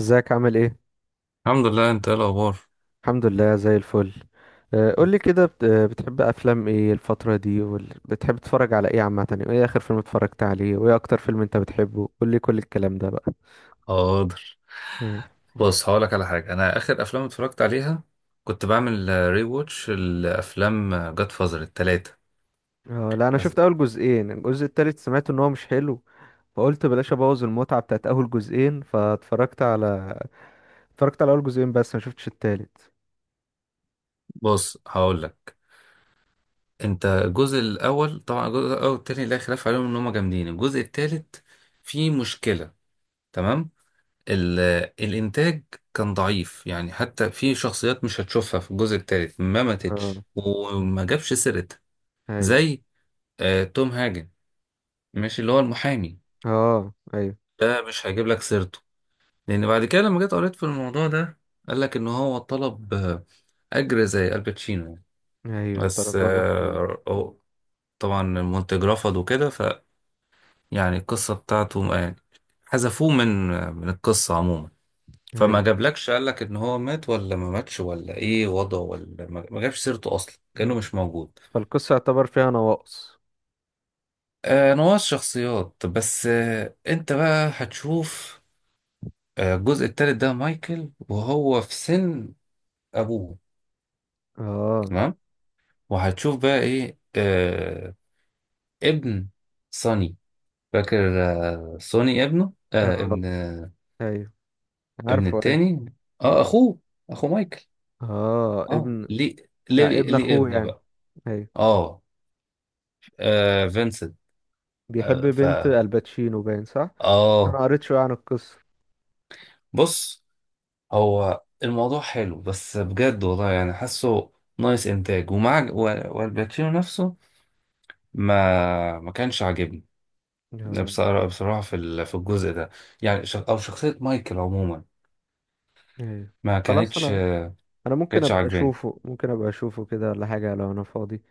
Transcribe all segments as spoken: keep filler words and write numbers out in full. ازيك عامل ايه؟ الحمد لله، انت ايه الاخبار؟ الحمد لله زي الفل. آه، قولي كده بت- آه، بتحب افلام ايه الفترة دي؟ وبتحب تتفرج على ايه عامة؟ وايه اخر فيلم اتفرجت عليه؟ وايه اكتر فيلم انت بتحبه؟ قولي كل الكلام ده بقى. حاضر. مم. بص، هقولك على حاجة. أنا آخر أفلام اتفرجت عليها كنت بعمل ري ووتش الأفلام، جاد فازر التلاتة. اه، لا، انا بس- شفت اول جزئين. الجزء التالت سمعت ان هو مش حلو، فقلت بلاش ابوظ المتعة بتاعت اول جزئين. فاتفرجت على اتفرجت على اول جزئين بس ما شفتش التالت. بص، هقولك. أنت الجزء الأول، طبعا الجزء الأول والتاني لا خلاف عليهم إن هما جامدين. الجزء التالت فيه مشكلة، تمام. ال الإنتاج كان ضعيف يعني، حتى في شخصيات مش هتشوفها في الجزء التالت ما اه، ماتتش وما جابش سيرتها. ايوه. زي، آه، توم هاجن، ماشي، اللي هو المحامي، اه، ايوه. ده مش هجيب لك سيرته. لان بعد كده لما جيت قريت في الموضوع ده قال لك ان هو طلب، آه، اجر زي الباتشينو يعني. ايوه، بس، طلب مبلغ كبير. آه، هو طبعا المنتج رفض وكده. فيعني القصه بتاعته ما- يعني حذفوه من من القصه عموما. فما ايوه. جابلكش، قال لك ان هو مات ولا ما ماتش ولا ايه وضعه، ولا ما ما جابش سيرته اصلا، كانه مم. مش موجود. فالقصة يعتبر فيها نواقص. آه، نواة شخصيات بس. آه، انت بقى هتشوف. آه، الجزء التالت ده مايكل وهو في سن ابوه، اه. تمام، وهتشوف بقى ايه. آه، ابن صني، فاكر؟ آه، صوني، ابنه، آه، اه، ابن، ايوه. ابن عارفه، ايوه. التاني، اه اخوه، اخو مايكل. اه، اه ابن. ليه، ليه يعني ابن ليه اخوه ابن يعني. بقى. ايوه. اه، آه فينسنت، بيحب آه ف بنت الباتشينو، باين صح. بس انا اه. قريت شويه عن القصه. بص، هو الموضوع حلو بس بجد والله، يعني حاسه ناقص انتاج ومع و- والباتشينو نفسه ما ما كانش عاجبني آه. بصراحة. بصراحة في ال- في الجزء ده، يعني ش- او شخصية مايكل عموما ايوه. ما خلاص. كانتش انا ما انا ممكن كانتش ابقى عاجباني. اشوفه، ممكن ابقى اشوفه كده ولا حاجه، لو انا فاضي.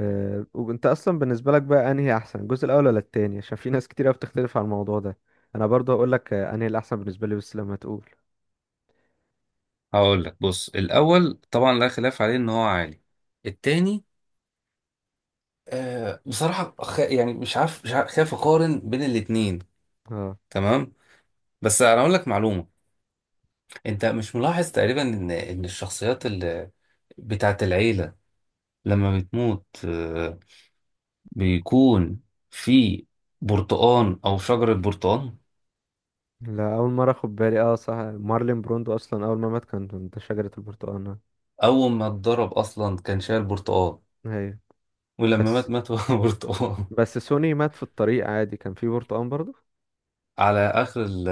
آه. وانت اصلا بالنسبه لك بقى، انهي احسن، الجزء الاول ولا التاني؟ عشان في ناس كتير قوي بتختلف على الموضوع ده. انا برضه هقول لك آه، انهي الاحسن بالنسبه لي، بس لما تقول. هقول لك، بص الاول طبعا لا خلاف عليه ان هو عالي. التاني، آه، بصراحه خ... يعني مش عارف مش عارف خايف اقارن بين الاتنين، اه، تمام. بس انا اقول لك معلومه، انت مش ملاحظ تقريبا ان ان الشخصيات اللي بتاعت العيله لما بتموت، آه، بيكون في برتقان او شجره برتقان. لا، اول مره اخد بالي. اه صح، مارلين بروندو اصلا اول ما مات كان ده شجره البرتقال. نعم. اول ما اتضرب اصلا كان شايل برتقان، ايوه. ولما بس مات مات وهو برتقان. بس سوني مات في الطريق عادي، كان في برتقان برضه. على اخر ال-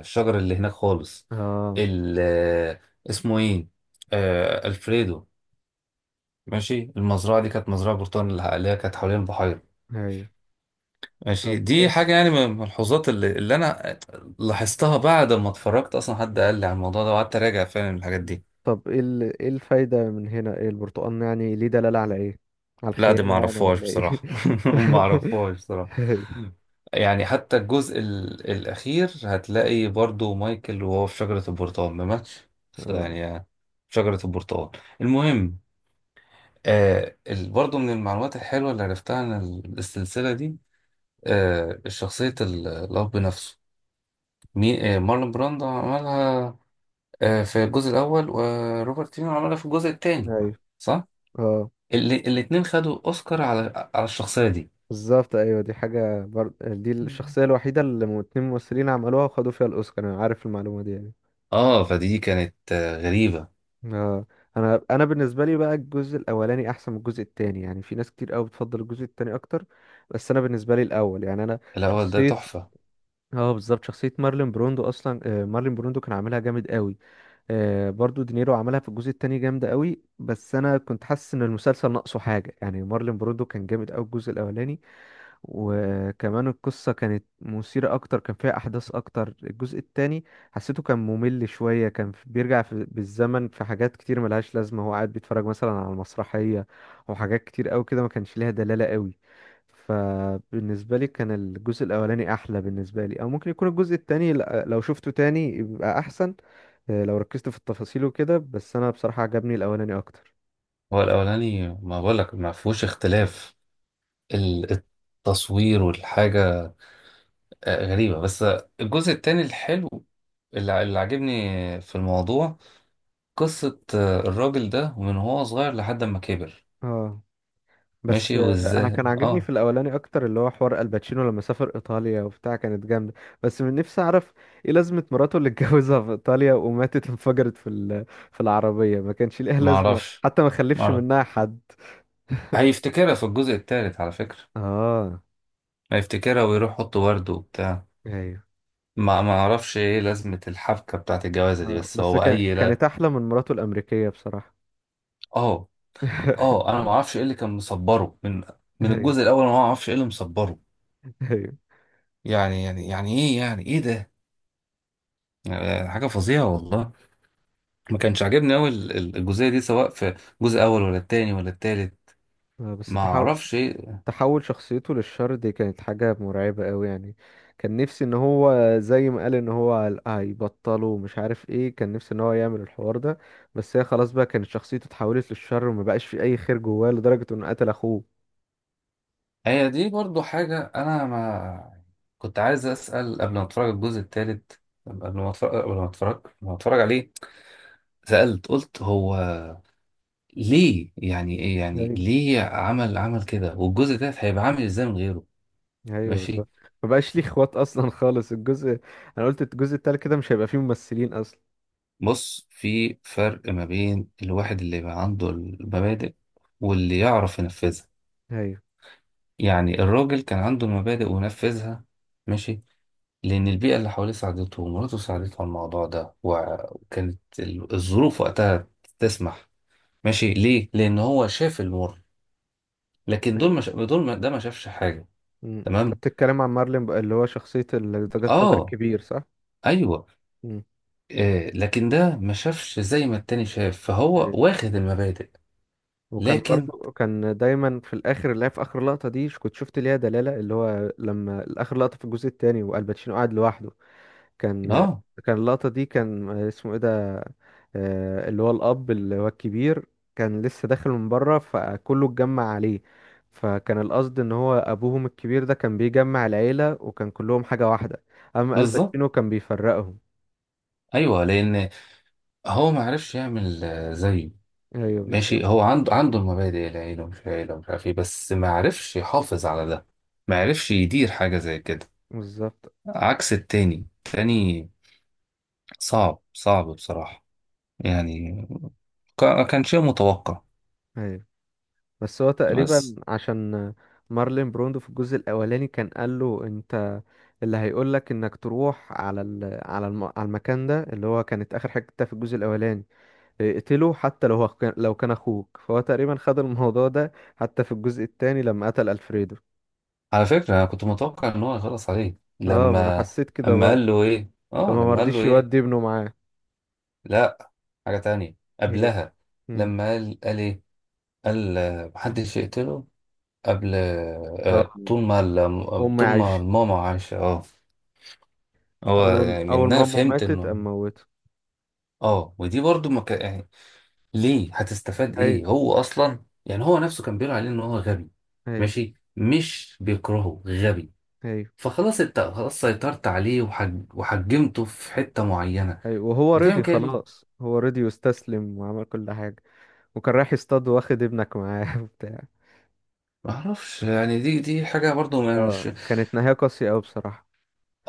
الشجر اللي هناك خالص. اه، ال اسمه ايه، آه الفريدو، ماشي. المزرعه دي كانت مزرعه برتقال اللي هي كانت حوالين البحيره، ايوه. ماشي. طب ايه دي س- حاجه يعني من الملحوظات اللي, اللي انا لاحظتها بعد ما اتفرجت. اصلا حد قال لي على الموضوع ده وقعدت اراجع فعلا الحاجات دي. طب ايه ال- ايه الفايدة من هنا؟ ايه البرتقان يعني ليه؟ دلالة على ايه، على لا دي الخيانة ما يعني اعرفهاش ولا ايه؟ بصراحة. ما اعرفهاش بصراحة. ايوه. يعني حتى الجزء ال- الأخير هتلاقي برضو مايكل وهو في شجرة البرتقال، ما ماتش بس اه، يعني شجرة البرتقال. المهم، آه، ال- برضو من المعلومات الحلوة اللي عرفتها عن ال- السلسلة دي. آه، شخصية ال- الأب نفسه، مين؟ آه، مارلون براندو عملها، آه، في الجزء الأول، وروبرت دينيرو عملها في الجزء التاني، ايوه. صح؟ اه، اللي الاتنين خدوا أوسكار على على الشخصية دي. بالظبط. ايوه، دي حاجة بر... دي الشخصية الوحيدة اللي اتنين ممثلين عملوها وخدوا فيها الاوسكار. انا عارف المعلومة دي يعني. اه فدي كانت، آه، غريبة. اه. انا انا بالنسبه لي بقى الجزء الاولاني احسن من الجزء التاني. يعني في ناس كتير قوي بتفضل الجزء التاني اكتر، بس انا بالنسبه لي الاول. يعني انا الأول ده شخصيه. تحفة. اه، بالظبط، شخصيه مارلين بروندو اصلا. آه، مارلين بروندو كان عاملها جامد قوي. آه، برضو دينيرو عملها في الجزء التاني جامده قوي، بس انا كنت حاسس ان المسلسل ناقصه حاجه. يعني مارلين بروندو كان جامد قوي الجزء الاولاني. وكمان القصة كانت مثيرة أكتر، كان فيها أحداث أكتر. الجزء التاني حسيته كان ممل شوية، كان في- بيرجع في بالزمن في حاجات كتير ملهاش لازمة. هو قاعد بيتفرج مثلا على المسرحية أو حاجات كتير أوي كده ما كانش ليها دلالة أوي. فبالنسبة لي كان الجزء الأولاني أحلى بالنسبة لي، أو ممكن يكون الجزء التاني ل- لو شفته تاني يبقى أحسن، آه، لو ركزت في التفاصيل وكده. بس أنا بصراحة عجبني الأولاني أكتر. هو الأولاني، ما بقولك، ما فيهوش اختلاف، ال- التصوير والحاجة، آه، غريبة. بس الجزء التاني الحلو اللي ع- اللي عاجبني في الموضوع قصة، آه، الراجل ده ومن هو صغير لحد ما كبر، اه. بس ماشي آه، وازاي. انا كان عاجبني في اه. الاولاني اكتر، اللي هو حوار الباتشينو لما سافر ايطاليا وبتاع، كانت جامده. بس من نفسي اعرف ايه لازمه مراته اللي اتجوزها في ايطاليا، وماتت انفجرت في ال- في العربيه. ما كانش ليها لازمه، معرفش، حتى ما خلفش معرف منها حد. هيفتكرها في الجزء التالت على فكرة، اه، هيفتكرها ويروح يحط ورد وبتاع. ايوه. ما ما اعرفش ايه لازمة الحبكة بتاعت الجوازة دي، آه. بس بس هو كان اي لا. كانت احلى من مراته الامريكيه بصراحه. اه، اه انا ما اعرفش ايه اللي كان مصبره من من ايوه. الجزء الاول، انا ما اعرفش ايه اللي مصبره. ايوه. يعني يعني يعني ايه، يعني ايه ده، يعني حاجه فظيعه والله. ما كانش عاجبني قوي الجزئيه دي سواء في الجزء الاول ولا التاني ولا التالت. آه، بس ما تحو... اعرفش ايه. تحول شخصيته للشر دي كانت حاجة مرعبة قوي يعني. كان نفسي ان هو، زي ما قال ان هو هيبطله ومش عارف ايه، كان نفسي ان هو يعمل الحوار ده. بس هي خلاص بقى كانت شخصيته اتحولت للشر، وما بقاش في اي خير جواه، لدرجة انه قتل اخوه. هي دي برضو حاجه انا ما كنت عايز اسال قبل ما اتفرج على الجزء التالت، قبل ما اتفرج قبل ما اتفرج قبل ما اتفرج عليه. سالت قلت، هو ليه؟ يعني ايه، يعني ايوه. ليه عمل عمل كده، والجزء ده هيبقى عامل ازاي من غيره؟ ايوه، ماشي. بالظبط. ما بقاش ليه اخوات اصلا. خالص الجزء انا قلت الجزء التالت كده مش هيبقى فيه ممثلين اصلا. بص، في فرق ما بين الواحد اللي يبقى عنده المبادئ واللي يعرف ينفذها. ايوه. يعني الراجل كان عنده المبادئ ونفذها، ماشي، لأن البيئة اللي حواليه ساعدته ومراته مم. ساعدته على الموضوع ده وكانت ال- الظروف وقتها تسمح. ماشي، ليه؟ لأن هو شاف المر. لكن دول ايوه. ما شا... دول ما... ده ما شافش حاجة، امم، تمام؟ بتتكلم عن مارلين بقى، اللي هو شخصية ال- ذا جاد فازر آه، الكبير، صح؟ أيوه، آه، لكن ده ما شافش زي ما التاني شاف، فهو امم. واخد المبادئ. وكان لكن برضو كان دايما في الاخر اللي هي، في اخر لقطه دي ش- كنت شفت ليها دلاله، اللي هو لما اخر لقطه في الجزء الثاني والباتشينو قاعد لوحده. كان آه، كان اللقطه دي، كان اسمه ايه ده، آه، اللي هو الاب اللي هو الكبير، كان لسه داخل من بره فكله اتجمع عليه. فكان القصد ان هو ابوهم الكبير ده كان بيجمع العيله وكان كلهم حاجه واحده، اما بالظبط، الباتشينو كان بيفرقهم. ايوه، لان هو ما عرفش يعمل، آه، زيه. ايوه، بالظبط. ماشي، هو عنده عنده المبادئ، العيله ومش عيله ومش عارف ايه، بس ما عرفش يحافظ على ده، ما عرفش يدير حاجه زي كده، بالظبط. عكس التاني التاني صعب صعب بصراحه يعني، كا- كان شيء متوقع. أيوة. بس هو تقريبا بس عشان مارلين بروندو في الجزء الاولاني كان قال له، انت اللي هيقول لك انك تروح على ال... على الم... على المكان ده، اللي هو كانت اخر حته في الجزء الاولاني، اقتله حتى لو هو كان... لو كان اخوك. فهو تقريبا خد الموضوع ده حتى في الجزء الثاني لما قتل الفريدو. على فكره انا كنت متوقع ان هو يخلص عليه اه، ما انا لما حسيت كده اما برضه. قال له ايه اه لما لما قال له مرضيش ايه. يودي ابنه معاه. لا، حاجه تانية ايه. قبلها. مم. لما قال قال ايه، قال، آه، محدش يقتله قبل، اه. آه، مم. طول ما الم- امي طول ما عايشه. الماما عايشة، اه. هو اول يعني اول ما منها امه فهمت ماتت انه، قام موته. اه، ودي برضو مك... يعني، ليه هتستفاد ايوه. ايه، هو اصلا، يعني هو نفسه كان بيقول عليه ان هو غبي. ايوه. ماشي، مش بيكرهه غبي. ايوه. فخلاص، انت خلاص سيطرت عليه وحج... وحجمته في حتة معينة. ايوه. وهو بتعمل رضي، كده ليه؟ خلاص هو رضي واستسلم وعمل كل حاجة. وكان رايح يصطاد واخد ابنك معاه وبتاع. معرفش، يعني دي دي حاجة برضو ما- اه، مش. كانت نهاية قاسية أوي بصراحة.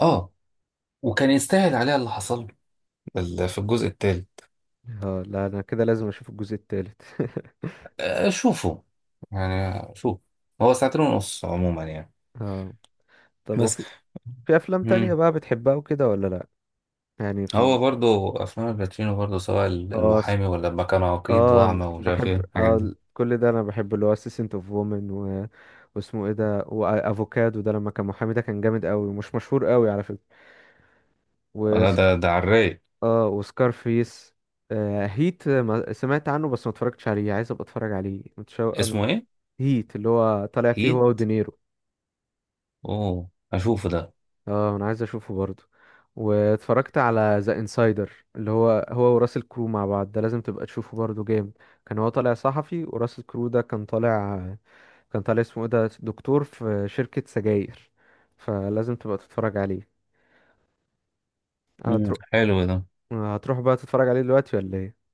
اه، وكان يستاهل عليها اللي حصل له ال- في الجزء التالت. اه، لا، انا كده لازم اشوف الجزء التالت. آه، شوفوا، يعني شوف، هو ساعتين ونص عموما يعني، اه. طب بس. وفي في افلام تانية مم. بقى بتحبها وكده ولا لا؟ يعني في هو ال... برضو افلام الباتشينو برضو، سواء اه س- المحامي، ولا لما كان عقيد اه أنا واعمى ومش عارف ايه بحب الحاجات اه دي، ال- كل ده انا بحب اللي هو اسيسنت اوف وومن و... واسمه ايه ده، وافوكادو ده لما كان محامي ده، كان جامد قوي ومش مشهور قوي على ولا فكرة. ده ده على الرايق. اه، وسكارفيس. آه هيت. آه، ما سمعت عنه بس ما اتفرجتش عليه، عايز ابقى اتفرج عليه، متشوق انا. اسمه ايه، هيت، اللي هو طالع فيه هو هيت، ودينيرو. اوه اشوفه ده. اه، انا عايز اشوفه برضه. واتفرجت على ذا انسايدر، اللي هو هو وراسل كرو مع بعض، ده لازم تبقى تشوفه برضه، جامد. كان هو طالع صحفي، وراسل كرو ده كان طالع كان طالع اسمه ايه ده، دكتور في شركة سجاير. فلازم تبقى تتفرج عليه. مم. هتروح حلو ده. هتروح بقى تتفرج عليه دلوقتي ولا ايه؟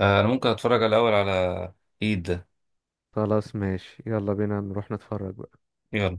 آه، انا ممكن اتفرج الاول على هيت ده. خلاص ماشي، يلا بينا نروح نتفرج بقى. يلا.